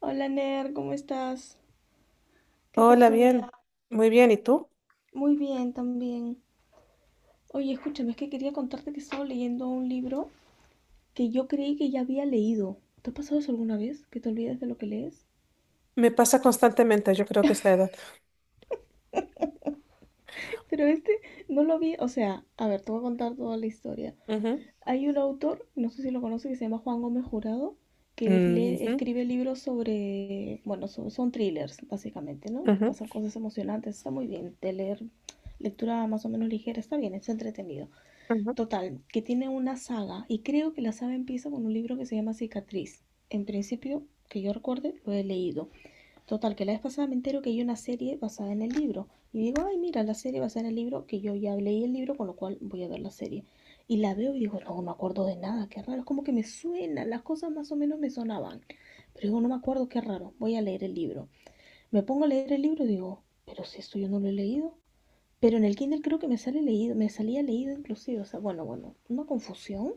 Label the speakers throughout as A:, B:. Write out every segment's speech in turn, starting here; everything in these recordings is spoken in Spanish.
A: Hola Ner, ¿cómo estás? ¿Qué tal
B: Hola,
A: tu día?
B: bien, muy bien. ¿Y tú?
A: Muy bien también. Oye, escúchame, es que quería contarte que estaba leyendo un libro que yo creí que ya había leído. ¿Te ha pasado eso alguna vez? ¿Que te olvidas de lo que lees?
B: Me pasa constantemente, yo creo que es la edad.
A: Pero este no lo vi, o sea, a ver, te voy a contar toda la historia.
B: Ujú,
A: Hay un autor, no sé si lo conoces, que se llama Juan Gómez Jurado, que
B: ujú,
A: escribe libros sobre, bueno, son thrillers, básicamente, ¿no?
B: ujú,
A: Pasan cosas emocionantes, está muy bien. De leer lectura más o menos ligera, está bien, es entretenido.
B: ujú.
A: Total, que tiene una saga y creo que la saga empieza con un libro que se llama Cicatriz. En principio, que yo recuerde, lo he leído. Total, que la vez pasada me entero que hay una serie basada en el libro. Y digo, ay, mira, la serie basada en el libro, que yo ya leí el libro, con lo cual voy a ver la serie. Y la veo y digo, no, no me acuerdo de nada, qué raro. Es como que me suena, las cosas más o menos me sonaban. Pero digo, no me acuerdo, qué raro, voy a leer el libro. Me pongo a leer el libro y digo, pero si esto yo no lo he leído. Pero en el Kindle creo que me sale leído, me salía leído inclusive, o sea, bueno, bueno, una confusión.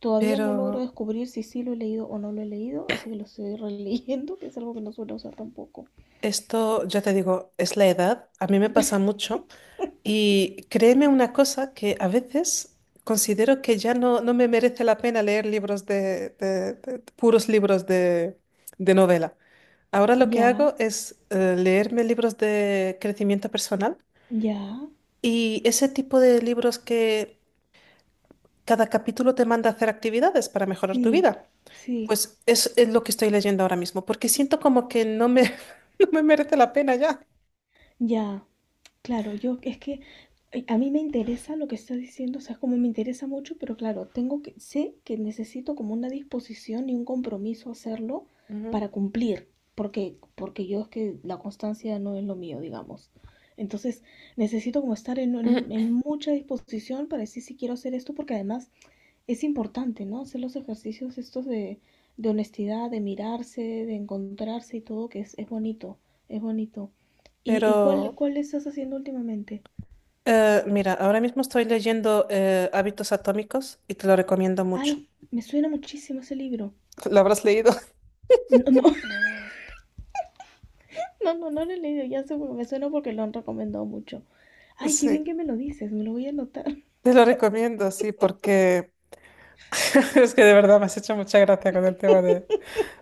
A: Todavía no
B: Pero
A: logro descubrir si sí lo he leído o no lo he leído, así que lo estoy releyendo, que es algo que no suelo usar tampoco.
B: esto, ya te digo, es la edad, a mí me pasa mucho. Y créeme una cosa que a veces considero que ya no me merece la pena leer libros puros libros de novela. Ahora lo que
A: Ya,
B: hago es leerme libros de crecimiento personal
A: ya,
B: y ese tipo de libros que cada capítulo te manda a hacer actividades para mejorar tu
A: sí,
B: vida.
A: sí,
B: Pues es lo que estoy leyendo ahora mismo, porque siento como que no me, no me merece la pena ya.
A: ya. Claro, yo es que a mí me interesa lo que estás diciendo, o sea, es como me interesa mucho, pero claro, tengo que, sé que necesito como una disposición y un compromiso hacerlo
B: Ujú.
A: para cumplir, porque yo es que la constancia no es lo mío, digamos. Entonces, necesito como estar en,
B: Ujú.
A: en- en mucha disposición para decir si quiero hacer esto, porque además es importante, ¿no? Hacer los ejercicios estos de honestidad, de mirarse, de encontrarse y todo, que es bonito, es bonito. ¿Y,
B: Pero
A: y cuál estás haciendo últimamente?
B: mira, ahora mismo estoy leyendo Hábitos Atómicos y te lo recomiendo mucho.
A: Ay, me suena muchísimo ese libro.
B: ¿Lo habrás leído?
A: No, no, no, no, no lo he leído, ya sé, me suena porque lo han recomendado mucho. Ay, qué bien
B: Sí,
A: que me lo dices, me lo voy a anotar.
B: te lo recomiendo, sí, porque es que de verdad me has hecho mucha gracia con el tema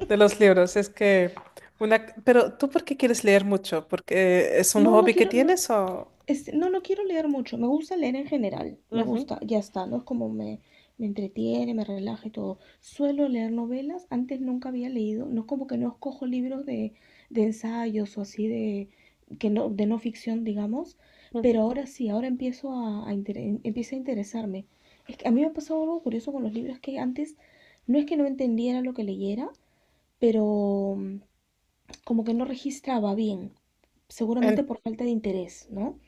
B: de los libros. Es que una... Pero ¿tú por qué quieres leer mucho? ¿Porque es un
A: No, no
B: hobby que
A: quiero, no.
B: tienes o...?
A: Este, no, no quiero leer mucho. Me gusta leer en general. Me
B: Ujú.
A: gusta, ya está, ¿no? Es como me entretiene, me relaja y todo. Suelo leer novelas. Antes nunca había leído. No es como que no escojo libros de ensayos o así de, que no, de no ficción, digamos.
B: Ujú.
A: Pero ahora sí, ahora empiezo a, empieza a interesarme. Es que a mí me ha pasado algo curioso con los libros que antes no es que no entendiera lo que leyera, pero como que no registraba bien.
B: En-
A: Seguramente por falta de interés, ¿no?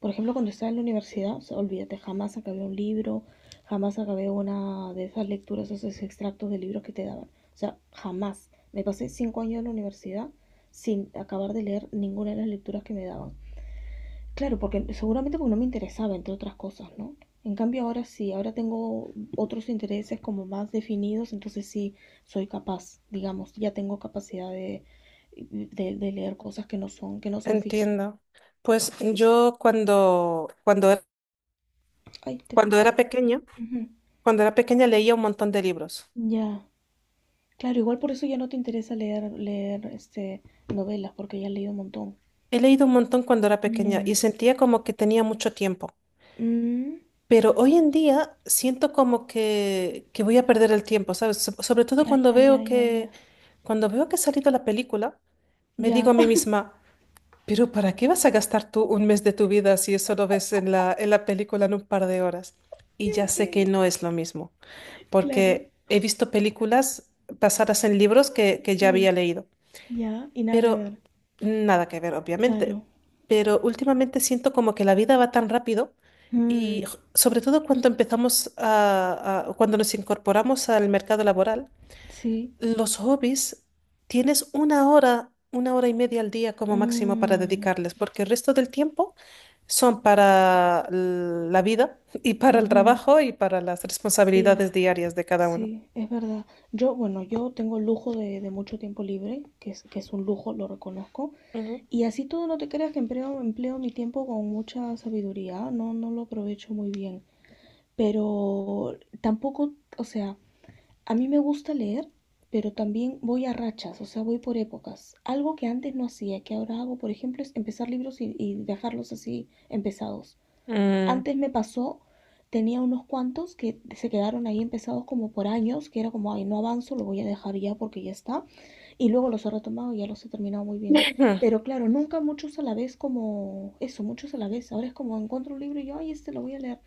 A: Por ejemplo, cuando estaba en la universidad, o sea, olvídate, jamás acabé un libro, jamás acabé una de esas lecturas, esos extractos de libros que te daban. O sea, jamás. Me pasé 5 años en la universidad sin acabar de leer ninguna de las lecturas que me daban. Claro, porque seguramente porque no me interesaba, entre otras cosas, ¿no? En cambio ahora sí, ahora tengo otros intereses como más definidos, entonces sí soy capaz, digamos, ya tengo capacidad de, de leer cosas que no son, ficción.
B: Entiendo. Pues yo
A: Ay,
B: cuando era
A: ay.
B: pequeña,
A: Ujú.
B: leía un montón de libros.
A: Ya. Claro, igual por eso ya no te interesa leer novelas, porque ya has leído un montón.
B: He leído un montón cuando era pequeña y
A: Mm,
B: sentía como que tenía mucho tiempo.
A: mm,
B: Pero hoy en día siento como que voy a perder el tiempo, ¿sabes? Sobre todo
A: ya,
B: cuando
A: ya, ya,
B: veo
A: ya, ya.
B: que ha salido la película, me digo a
A: Ya.
B: mí misma, pero ¿para qué vas a gastar tú un mes de tu vida si eso lo ves en en la película en un par de horas? Y
A: Qué
B: ya sé que
A: bueno.
B: no es lo mismo,
A: Claro,
B: porque he visto películas basadas en libros que ya había
A: sí.
B: leído,
A: Ya, y nada que
B: pero
A: ver.
B: nada que ver, obviamente.
A: Claro.
B: Pero últimamente siento como que la vida va tan rápido y
A: Mm,
B: sobre todo cuando cuando nos incorporamos al mercado laboral,
A: sí.
B: los hobbies tienes una hora y media al día como máximo para
A: Mm,
B: dedicarles, porque el resto del tiempo son para la vida y para el
A: ujú.
B: trabajo y para las
A: Sí,
B: responsabilidades diarias de cada uno.
A: sí, es verdad. Yo, bueno, yo tengo el lujo de mucho tiempo libre, que es un lujo, lo reconozco. Y así todo no te creas que empleo mi tiempo con mucha sabiduría, ¿ah? No, no lo aprovecho muy bien. Pero tampoco, o sea, a mí me gusta leer, pero también voy a rachas, o sea, voy por épocas. Algo que antes no hacía, que ahora hago, por ejemplo, es empezar libros y dejarlos así empezados.
B: Mm.
A: Antes me pasó, tenía unos cuantos que se quedaron ahí empezados como por años, que era como, ay, no avanzo, lo voy a dejar ya porque ya está, y luego los he retomado y ya los he terminado muy bien. Pero claro, nunca muchos a la vez como eso, muchos a la vez. Ahora es como encuentro un libro y yo, ay, este lo voy a leer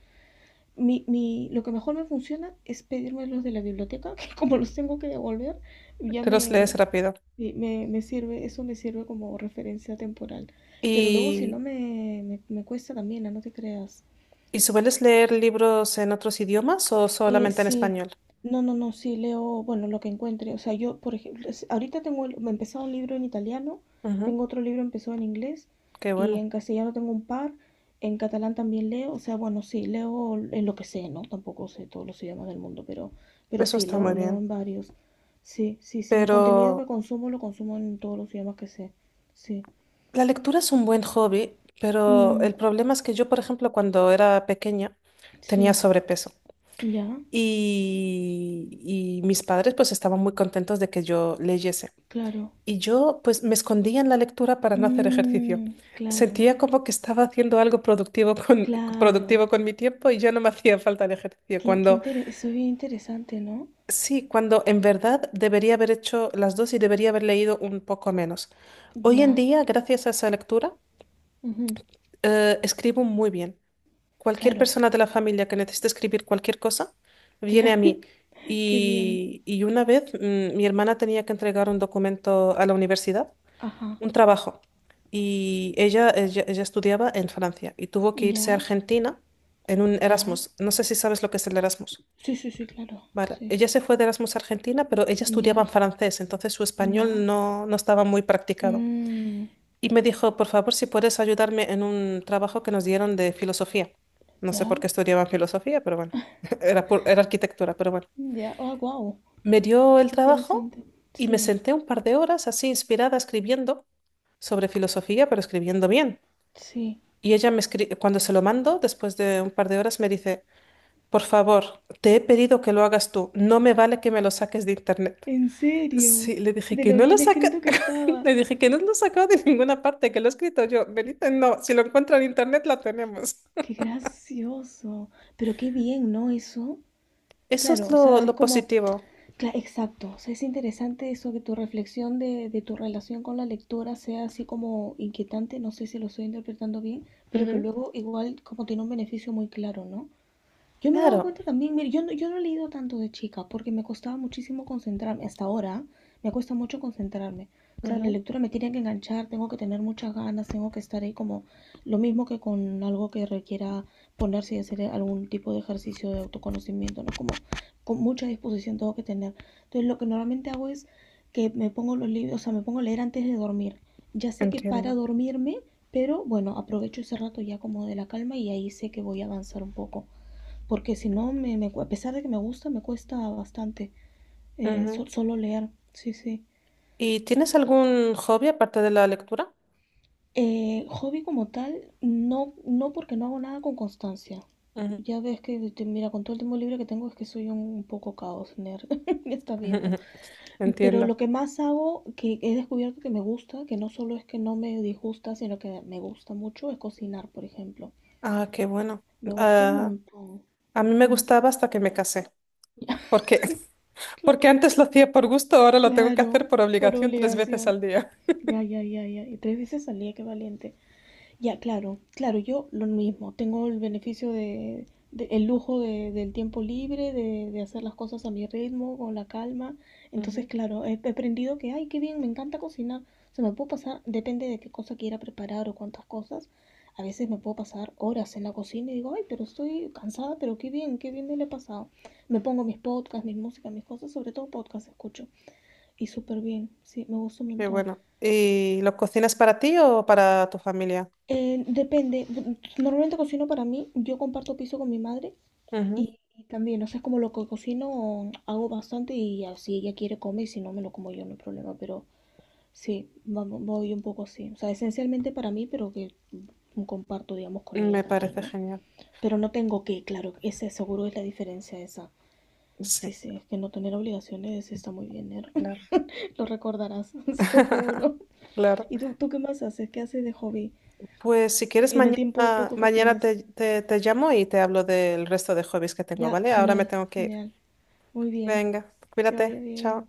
A: lo que mejor me funciona es pedirme los de la biblioteca, que como los tengo que devolver, ya
B: Te los lees
A: me,
B: rápido.
A: me, me sirve, eso me sirve como referencia temporal. Pero luego si no
B: ¿Y,
A: me cuesta también, no. No te creas.
B: y sueles leer libros en otros idiomas o
A: Eh,
B: solamente en
A: sí,
B: español?
A: no, no, no, sí leo, bueno, lo que encuentre. O sea, yo, por ejemplo, ahorita tengo, me empezó un libro en italiano,
B: Ujú.
A: tengo otro libro empezó en inglés
B: Qué
A: y
B: bueno,
A: en castellano tengo un par, en catalán también leo, o sea, bueno, sí, leo en lo que sé, ¿no? Tampoco sé todos los idiomas del mundo, pero
B: eso
A: sí,
B: está muy
A: leo
B: bien.
A: en varios. Sí, sí, sí, el contenido que
B: Pero
A: consumo lo consumo en todos los idiomas que sé. Sí.
B: la lectura es un buen hobby, pero
A: Mm,
B: el problema es que yo, por ejemplo, cuando era pequeña, tenía
A: sí,
B: sobrepeso
A: ya,
B: y mis padres pues estaban muy contentos de que yo leyese.
A: claro.
B: Y yo pues me escondía en la lectura para no hacer ejercicio.
A: Mm, claro,
B: Sentía como que estaba haciendo algo productivo
A: claro.
B: productivo con mi tiempo y ya no me hacía falta el ejercicio.
A: Qué, qué
B: Cuando
A: interes- eso es bien interesante, ¿no?
B: sí, cuando en verdad debería haber hecho las dos y debería haber leído un poco menos. Hoy en
A: Ya,
B: día, gracias a esa lectura,
A: ujú,
B: escribo muy bien. Cualquier
A: claro,
B: persona de la familia que necesite escribir cualquier cosa,
A: que
B: viene a mí.
A: qué bien,
B: Y una vez mi hermana tenía que entregar un documento a la universidad,
A: ajá,
B: un trabajo. Y ella estudiaba en Francia y tuvo que irse a
A: ya,
B: Argentina en un
A: ya,
B: Erasmus. No sé si sabes lo que es el Erasmus.
A: sí, sí, sí, claro,
B: Vale,
A: sí,
B: ella se fue de Erasmus a Argentina, pero ella estudiaba
A: ya,
B: en francés, entonces su
A: ya,
B: español no estaba muy practicado.
A: mm,
B: Y me dijo, por favor, si puedes ayudarme en un trabajo que nos dieron de filosofía. No sé por
A: ya,
B: qué estudiaban filosofía, pero bueno, era arquitectura, pero bueno.
A: ya, ah, wow,
B: Me dio el
A: qué
B: trabajo
A: interesante,
B: y me
A: sí,
B: senté un par de horas así inspirada escribiendo sobre filosofía, pero escribiendo bien.
A: sí,
B: Y ella me escribe, cuando se lo mando, después de un par de horas, me dice, por favor, te he pedido que lo hagas tú, no me vale que me lo saques de internet.
A: en serio,
B: Sí, le dije
A: de
B: que
A: lo
B: no lo
A: bien
B: saca,
A: escrito que estaba,
B: le dije que no lo sacado de ninguna parte, que lo he escrito yo. Me dice, no, si lo encuentro en internet, lo tenemos.
A: qué gracioso, pero qué bien, ¿no? Eso,
B: Eso es
A: claro, o sea, es
B: lo
A: como
B: positivo.
A: claro, exacto, o sea, es interesante eso, que tu reflexión de tu relación con la lectura sea así como inquietante, no sé si lo estoy interpretando bien, pero que
B: Ujú.
A: luego igual como tiene un beneficio muy claro, ¿no? Yo me he dado
B: Claro.
A: cuenta también, mire, yo no he leído tanto de chica porque me costaba muchísimo concentrarme. Hasta ahora me cuesta mucho concentrarme. O sea, la
B: Ujú.
A: lectura me tiene que enganchar, tengo que tener muchas ganas, tengo que estar ahí como lo mismo que con algo que requiera ponerse y hacer algún tipo de ejercicio de autoconocimiento, ¿no? Como con mucha disposición tengo que tener. Entonces, lo que normalmente hago es que me pongo los libros, o sea, me pongo a leer antes de dormir. Ya sé que para
B: Entiendo.
A: dormirme, pero bueno, aprovecho ese rato ya como de la calma y ahí sé que voy a avanzar un poco porque si no, me, a pesar de que me gusta, me cuesta bastante
B: Ujú.
A: solo leer, sí, sí.
B: ¿Y tienes algún hobby aparte de la lectura?
A: Hobby como tal, no, no porque no hago nada con constancia.
B: Ujú.
A: Ya ves que, mira, con todo el tiempo libre que tengo es que soy un poco caos, nerd, me estás
B: Ujú.
A: viendo.
B: Ujú.
A: Pero lo
B: Entiendo.
A: que más hago, que he descubierto que me gusta, que no solo es que no me disgusta, sino que me gusta mucho, es cocinar, por ejemplo.
B: Ah, qué bueno.
A: Me gusta un
B: Ah,
A: montón.
B: a mí me
A: Mm.
B: gustaba hasta que me casé. Porque,
A: Claro,
B: Porque antes lo hacía por gusto, ahora lo tengo que hacer
A: claro,
B: por
A: por
B: obligación tres veces
A: obligación.
B: al día.
A: Ya, ya, ya, ya. Y tres veces salía, qué valiente. Ya, claro, claro, yo lo mismo. Tengo el beneficio el lujo del tiempo libre, de hacer las cosas a mi ritmo, con la calma. Entonces,
B: Ujú.
A: claro, he aprendido que, ay, qué bien, me encanta cocinar. Se me puedo pasar, depende de qué cosa quiera preparar o cuántas cosas. A veces me puedo pasar horas en la cocina y digo, ay, pero estoy cansada, pero qué bien me lo he pasado. Me pongo mis podcasts, mis músicas, mis cosas, sobre todo podcasts escucho. Y súper bien, sí, me gusta un
B: Qué
A: montón.
B: bueno. ¿Y lo cocinas para ti o para tu familia?
A: Depende. Normalmente cocino para mí. Yo comparto piso con mi madre
B: Ujú.
A: y también, o sea, es como lo que cocino, hago bastante y así ella quiere comer y si no me lo como yo, no hay problema. Pero sí, voy un poco así. O sea, esencialmente para mí, pero que comparto, digamos, con ella
B: Me
A: también,
B: parece
A: ¿no?
B: genial.
A: Pero no tengo que, claro, ese seguro es la diferencia esa. Sí,
B: Sí,
A: sí, es que no tener obligaciones está muy bien, Ner.
B: claro.
A: Lo recordarás, seguro.
B: Claro.
A: ¿Y tú qué más haces? ¿Qué haces de hobby?
B: Pues si quieres,
A: En el tiempo
B: mañana,
A: poco que
B: mañana
A: tienes.
B: te llamo y te hablo del resto de hobbies que tengo,
A: Ya,
B: ¿vale? Ahora me
A: genial,
B: tengo que ir.
A: genial. Muy bien,
B: Venga,
A: que vaya
B: cuídate.
A: bien.
B: Chao.